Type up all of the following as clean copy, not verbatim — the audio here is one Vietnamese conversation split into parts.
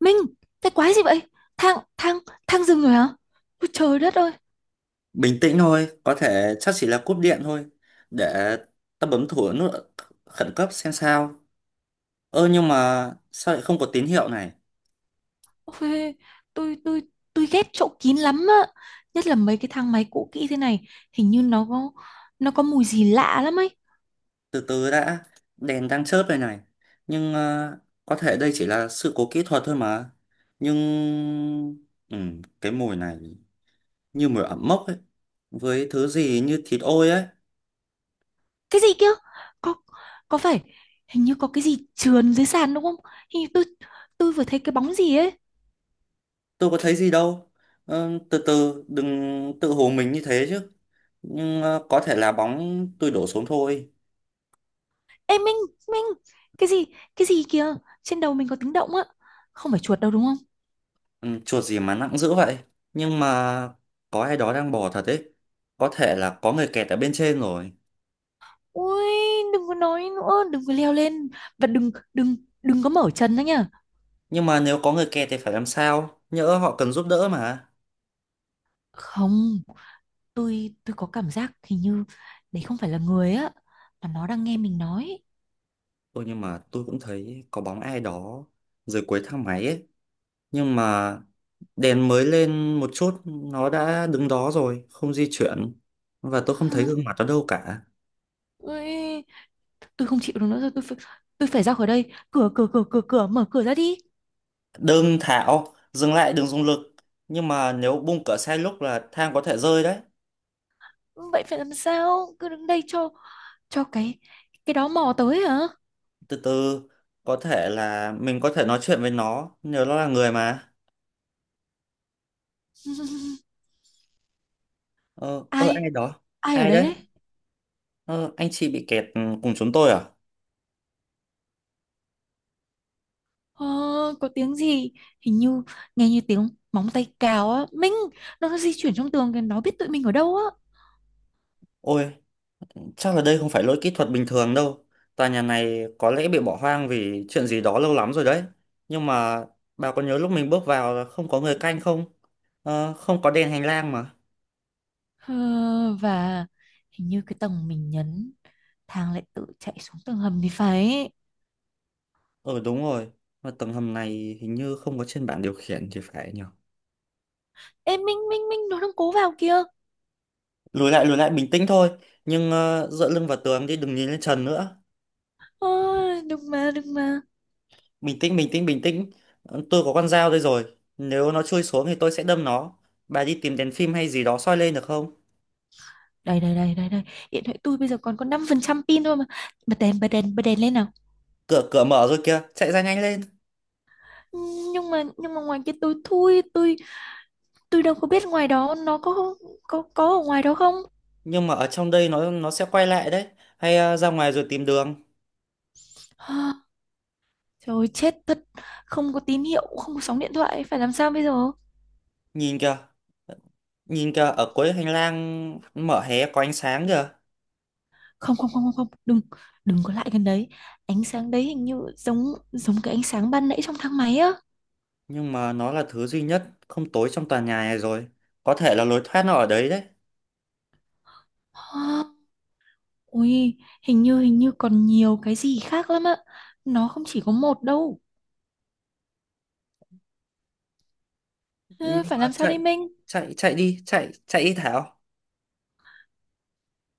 Minh, cái quái gì vậy? Thang, thang, thang dừng rồi hả? Ôi trời đất ơi! Bình tĩnh thôi, có thể chắc chỉ là cúp điện thôi. Để ta bấm thử nút khẩn cấp xem sao. Ơ, nhưng mà sao lại không có tín hiệu này? Ôi, tôi, tôi, tôi ghét chỗ kín lắm á. Nhất là mấy cái thang máy cũ kỹ thế này, hình như nó có mùi gì lạ lắm ấy. Từ từ đã, đèn đang chớp đây này. Nhưng có thể đây chỉ là sự cố kỹ thuật thôi mà. Nhưng ừ, cái mùi này như mùi ẩm mốc ấy, với thứ gì như thịt ôi ấy. Cái gì kia? Có, có phải, hình như có cái gì trườn dưới sàn đúng không? Hình như tôi, tôi vừa thấy cái bóng gì ấy. Tôi có thấy gì đâu. Ờ, từ từ, đừng tự hồ mình như thế chứ. Nhưng có thể là bóng tôi đổ xuống thôi. Ê Minh, Minh, cái gì, cái gì kìa? Trên đầu mình có tiếng động á. Không phải chuột đâu đúng không? Ừ, chuột gì mà nặng dữ vậy. Nhưng mà có ai đó đang bò thật đấy, có thể là có người kẹt ở bên trên rồi. Ui, đừng có nói nữa, đừng có leo lên và đừng đừng đừng có mở chân nữa nhá. Nhưng mà nếu có người kẹt thì phải làm sao, nhỡ họ cần giúp đỡ mà. Không, tôi có cảm giác hình như đấy không phải là người á mà nó đang nghe mình nói. Ôi, nhưng mà tôi cũng thấy có bóng ai đó dưới cuối thang máy ấy. Nhưng mà đèn mới lên một chút nó đã đứng đó rồi không di chuyển, và tôi không thấy gương mặt nó đâu cả. Ui, tôi không chịu được nữa rồi, tôi phải ra khỏi đây. Cửa cửa cửa cửa cửa mở cửa ra đi. Đừng Thảo, dừng lại, đừng dùng lực. Nhưng mà nếu bung cửa sai lúc là thang có thể rơi đấy. Vậy phải làm sao? Cứ đứng đây cho cái đó mò tới hả? Từ từ, có thể là mình có thể nói chuyện với nó nếu nó là người mà. Ờ, Ai ai đó. ai ở Ai đấy đấy? đấy? Ờ anh chị bị kẹt cùng chúng tôi à? Ờ, có tiếng gì hình như nghe như tiếng móng tay cào á Minh, nó di chuyển trong tường kìa, nó biết tụi mình ở đâu á. Ôi, chắc là đây không phải lỗi kỹ thuật bình thường đâu. Tòa nhà này có lẽ bị bỏ hoang vì chuyện gì đó lâu lắm rồi đấy. Nhưng mà bà có nhớ lúc mình bước vào là không có người canh không? Không có đèn hành lang mà. Ờ, và hình như cái tầng mình nhấn, thang lại tự chạy xuống tầng hầm thì phải. Ờ đúng rồi, mà tầng hầm này hình như không có trên bảng điều khiển thì phải nhỉ. Ê Minh Minh Minh, nó đang cố vào kìa. Lùi lại, bình tĩnh thôi. Nhưng dựa lưng vào tường đi, đừng nhìn lên trần nữa. Ờ, đừng mà. Bình tĩnh. Ờ, tôi có con dao đây rồi, nếu nó chui xuống thì tôi sẽ đâm nó. Bà đi tìm đèn phim hay gì đó soi lên được không? Đây đây đây đây đây, điện thoại tôi bây giờ còn có 5% pin thôi mà. Bật đèn, bật đèn lên nào. Cửa cửa mở rồi kìa, chạy ra nhanh lên. Ừ, nhưng mà ngoài kia tôi, tôi đâu có biết ngoài đó nó có có ở ngoài đó không. Nhưng mà ở trong đây nó sẽ quay lại đấy. Hay ra ngoài rồi tìm đường. Trời ơi, chết thật, không có tín hiệu, không có sóng điện thoại, phải làm sao bây giờ? Nhìn kìa nhìn kìa ở cuối hành lang mở hé có ánh sáng kìa. Không không không không không, đừng, đừng có lại gần đấy. Ánh sáng đấy hình như giống giống cái ánh sáng ban nãy trong thang máy á. Nhưng mà nó là thứ duy nhất không tối trong tòa nhà này rồi, có thể là lối thoát nó ở đấy đấy. Hả? Ui, hình như còn nhiều cái gì khác lắm á. Nó không chỉ có một đâu. Nhưng Ờ, phải mà làm sao chạy, đây Minh? Chạy chạy đi Thảo.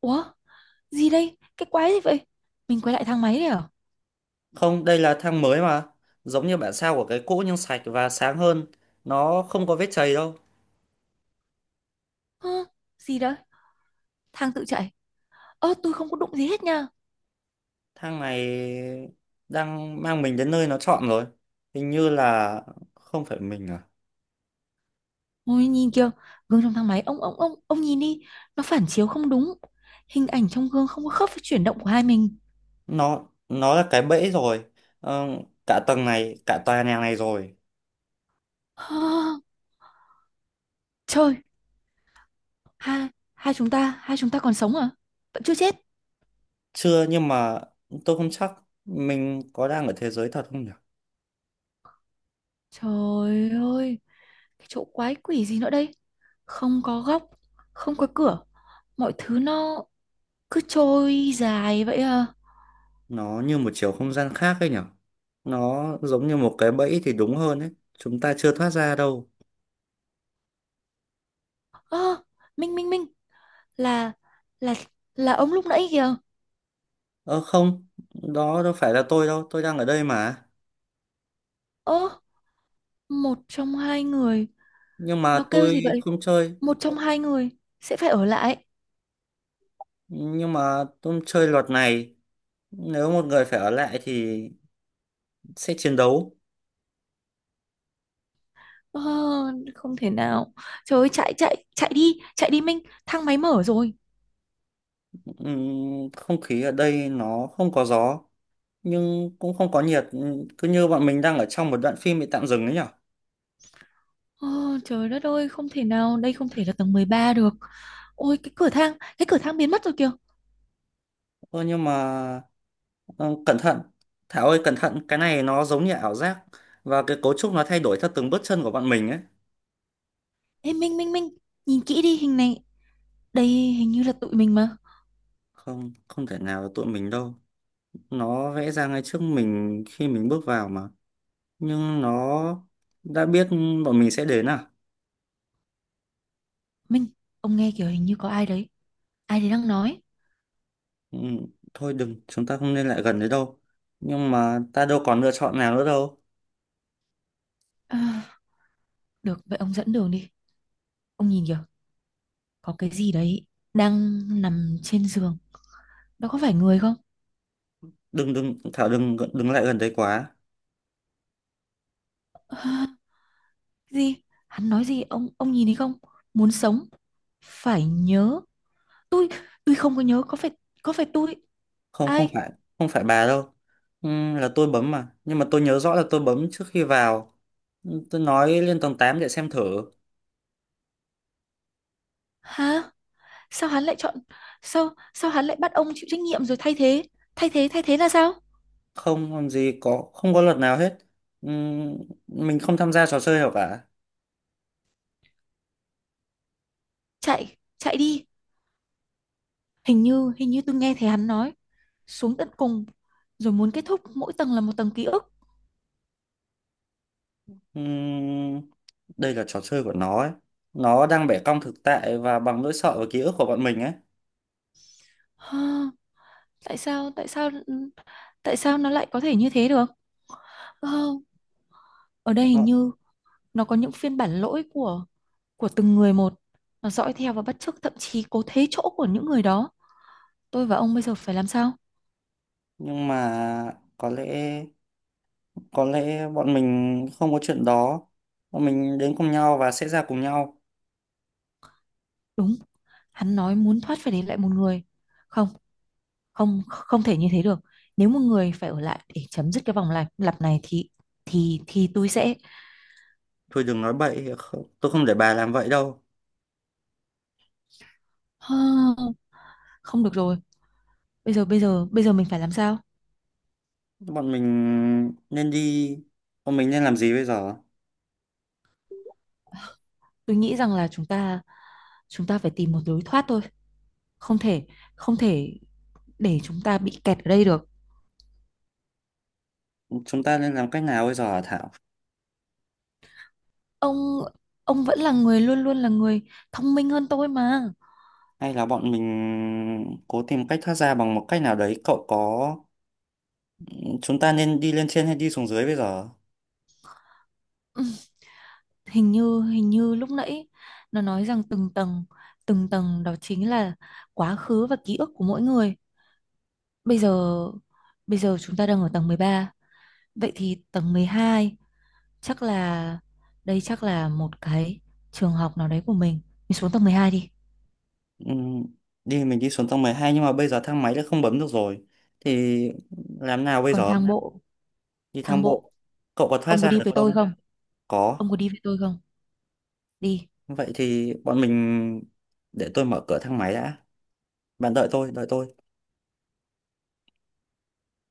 Ủa, gì đây? Cái quái gì vậy? Mình quay lại thang máy đấy à? Không, đây là thang mới mà. Giống như bản sao của cái cũ nhưng sạch và sáng hơn. Nó không có vết chày đâu. Hả? Gì đó? Thang tự chạy. Ơ, tôi không có đụng gì hết nha. Thang này đang mang mình đến nơi nó chọn rồi. Hình như là không phải mình à. Ôi nhìn kìa, gương trong thang máy, ông, nhìn đi, nó phản chiếu không đúng. Hình ảnh trong gương không có khớp với chuyển động của hai mình. Nó là cái bẫy rồi. Ờ, cả tầng này, cả tòa nhà này rồi. Hơ, trời, hai hai chúng ta còn sống à? Vẫn chưa chết. Chưa, nhưng mà tôi không chắc mình có đang ở thế giới thật không nhỉ? Trời ơi, cái chỗ quái quỷ gì nữa đây? Không có góc, không có cửa, mọi thứ nó cứ trôi dài vậy à. Nó như một chiều không gian khác ấy nhỉ? Nó giống như một cái bẫy thì đúng hơn ấy. Chúng ta chưa thoát ra đâu. Ơ, Minh Minh Minh, là là là ông lúc nãy kìa. Ờ không, đó đâu phải là tôi đâu, tôi đang ở đây mà. Ơ, một trong hai người. Nhưng Nó mà kêu tôi gì vậy? không chơi, Một trong hai người sẽ phải ở lại. nhưng mà tôi chơi luật này. Nếu một người phải ở lại thì sẽ chiến đấu. Ờ, không thể nào. Trời ơi, chạy chạy chạy đi Minh, thang máy mở rồi. Ừm, Không khí ở đây nó không có gió, nhưng cũng không có nhiệt. Cứ như bọn mình đang ở trong một đoạn phim bị tạm dừng ấy nhở. Ờ, trời đất ơi, không thể nào, đây không thể là tầng 13 được. Ôi cái cửa thang biến mất rồi kìa. Ờ nhưng mà ờ, cẩn thận, Thảo ơi cẩn thận, cái này nó giống như ảo giác. Và cái cấu trúc nó thay đổi theo từng bước chân của bọn mình ấy. Ê Minh Minh Minh, nhìn kỹ đi hình này. Đây hình như là tụi mình mà. Không, không thể nào là tụi mình đâu. Nó vẽ ra ngay trước mình khi mình bước vào mà, nhưng nó đã biết bọn mình sẽ đến à? Minh, ông nghe kiểu hình như có ai đấy đang nói. ừ, Thôi đừng, chúng ta không nên lại gần đấy đâu. Nhưng mà ta đâu còn lựa chọn nào nữa đâu. À, được, vậy ông dẫn đường đi. Ông nhìn kìa, có cái gì đấy đang nằm trên giường. Đó có phải người không? Đừng đừng Thảo, đừng đừng lại gần đấy quá. Ờ. Gì? Hắn nói gì? Ông nhìn thấy không? Muốn sống phải nhớ. tôi tôi không có nhớ, có phải, có phải tôi? Không, không Ai? phải, không phải bà đâu. Ừ, là tôi bấm mà, nhưng mà tôi nhớ rõ là tôi bấm trước khi vào. Ừ, tôi nói lên tầng 8 để xem thử. Hả? Sao hắn lại chọn? Sao Sao hắn lại bắt ông chịu trách nhiệm rồi thay thế? Thay thế là sao? Không làm gì có, không có luật nào hết. Ừ, mình không tham gia trò chơi nào cả. Chạy, chạy đi. Hình như tôi nghe thấy hắn nói, xuống tận cùng rồi muốn kết thúc, mỗi tầng là một tầng ký ức. Ừm, đây là trò chơi của nó ấy. Nó đang bẻ cong thực tại và bằng nỗi sợ và ký ức của bọn mình ấy. Hơ, tại sao, tại sao nó lại có thể như thế được? Ờ, ở đây hình Nó, như nó có những phiên bản lỗi của từng người một, nó dõi theo và bắt chước, thậm chí cố thế chỗ của những người đó. Tôi và ông bây giờ phải làm sao? nhưng mà có lẽ bọn mình không có chuyện đó. Bọn mình đến cùng nhau và sẽ ra cùng nhau. Đúng, hắn nói muốn thoát phải để lại một người. Không, không không thể như thế được. Nếu một người phải ở lại để chấm dứt cái vòng lặp lặp này thì thì tôi sẽ… Thôi đừng nói bậy, tôi không để bà làm vậy đâu. Ha, không được rồi. Bây giờ bây giờ mình phải làm sao? Bọn mình nên đi, bọn mình nên làm gì bây giờ? Tôi nghĩ rằng là chúng ta phải tìm một lối thoát thôi. Không thể, không thể để chúng ta bị kẹt ở đây được. Chúng ta nên làm cách nào bây giờ hả Thảo? Ông ông vẫn là người, luôn luôn là người thông minh hơn tôi mà. Hay là bọn mình cố tìm cách thoát ra bằng một cách nào đấy? Cậu có chúng ta nên đi lên trên hay đi xuống dưới bây giờ? Ừ, hình như hình như lúc nãy nó nói rằng từng tầng, từng tầng đó chính là quá khứ và ký ức của mỗi người. Bây giờ Bây giờ chúng ta đang ở tầng 13. Vậy thì tầng 12 chắc là, đây chắc là một cái trường học nào đấy của mình. Mình xuống tầng 12 đi. Ừm, đi mình đi xuống tầng 12, nhưng mà bây giờ thang máy đã không bấm được rồi. Thì làm nào bây Còn giờ? Đi thang thang bộ, bộ. Cậu có thoát ông có ra đi được với tôi không? không? Có. Ông có đi với tôi không? Đi. Vậy thì bọn mình, để tôi mở cửa thang máy đã. Bạn đợi tôi, đợi tôi.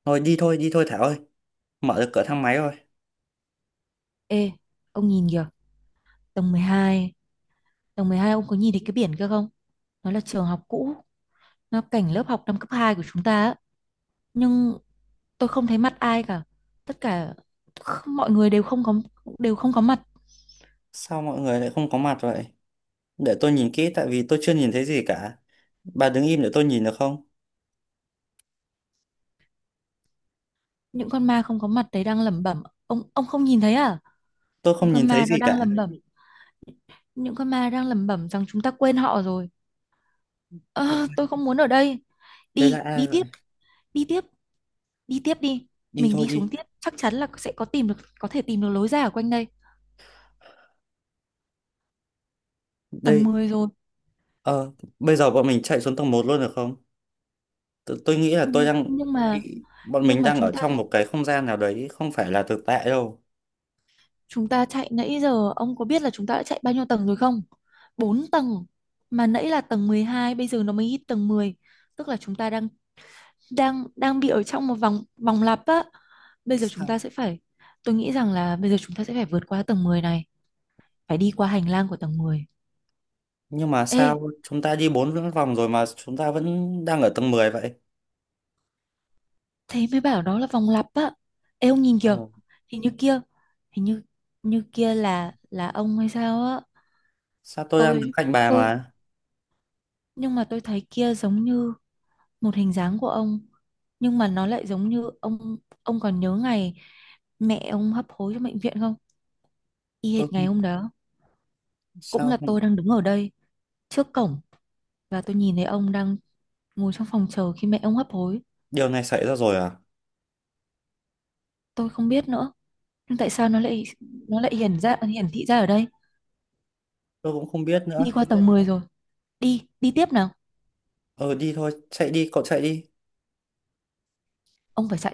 Thôi đi thôi, đi thôi Thảo ơi. Mở được cửa thang máy rồi. Ê, ông nhìn kìa, tầng 12. Tầng mười hai, ông có nhìn thấy cái biển kia không? Nó là trường học cũ, nó cảnh lớp học năm cấp 2 của chúng ta á. Nhưng tôi không thấy mặt ai cả. Tất cả mọi người đều không có, đều không có mặt. Sao mọi người lại không có mặt vậy? Để tôi nhìn kỹ, tại vì tôi chưa nhìn thấy gì cả. Bà đứng im để tôi nhìn được không? Những con ma không có mặt đấy đang lẩm bẩm. Ông không nhìn thấy à? Tôi Những không nhìn con thấy ma nó gì đang cả. lẩm bẩm. Những con ma đang lẩm bẩm rằng chúng ta quên họ rồi. Đây, Ờ, tôi không muốn ở đây. đây là Đi, ai đi vậy? tiếp, đi tiếp, đi tiếp đi. Đi Mình thôi đi xuống đi. tiếp, chắc chắn là sẽ có tìm được, có thể tìm được lối ra ở quanh đây. Tầng Đây. 10 rồi. Ờ, bây giờ bọn mình chạy xuống tầng 1 luôn được không? Tôi nghĩ là Ừ, tôi đang nhưng mà bị bọn nhưng mình mà đang chúng ở ta trong một cái không gian nào đấy không phải là thực tại đâu. chúng ta chạy nãy giờ ông có biết là chúng ta đã chạy bao nhiêu tầng rồi không? 4 tầng, mà nãy là tầng 12, bây giờ nó mới hit tầng 10. Tức là chúng ta đang đang đang bị ở trong một vòng vòng lặp á. Bây giờ chúng Sao ta sẽ phải… Tôi nghĩ rằng là bây giờ chúng ta sẽ phải vượt qua tầng 10 này, phải đi qua hành lang của tầng 10. nhưng mà Ê, sao chúng ta đi 4 vòng rồi mà chúng ta vẫn đang ở tầng 10 vậy? thế mới bảo đó là vòng lặp á. Ê, ông nhìn Ờ, kìa, hình như kia, hình như như kia là ông hay sao á. sao tôi đang đứng Tôi cạnh bà tôi mà? nhưng mà tôi thấy kia giống như một hình dáng của ông, nhưng mà nó lại giống như ông. Ông còn nhớ ngày mẹ ông hấp hối trong bệnh viện không? Y Tôi hệt ngày không- hôm đó, cũng sao là không- tôi đang đứng ở đây trước cổng và tôi nhìn thấy ông đang ngồi trong phòng chờ khi mẹ ông hấp hối. Điều này xảy ra rồi à? Tôi không biết nữa, nhưng tại sao nó lại, nó lại hiển ra, hiển thị ra ở đây? Tôi cũng không biết Đi nữa. qua tầng 10 rồi. Đi, đi tiếp nào. Ờ đi thôi, chạy đi cậu, chạy đi. Ông phải chạy.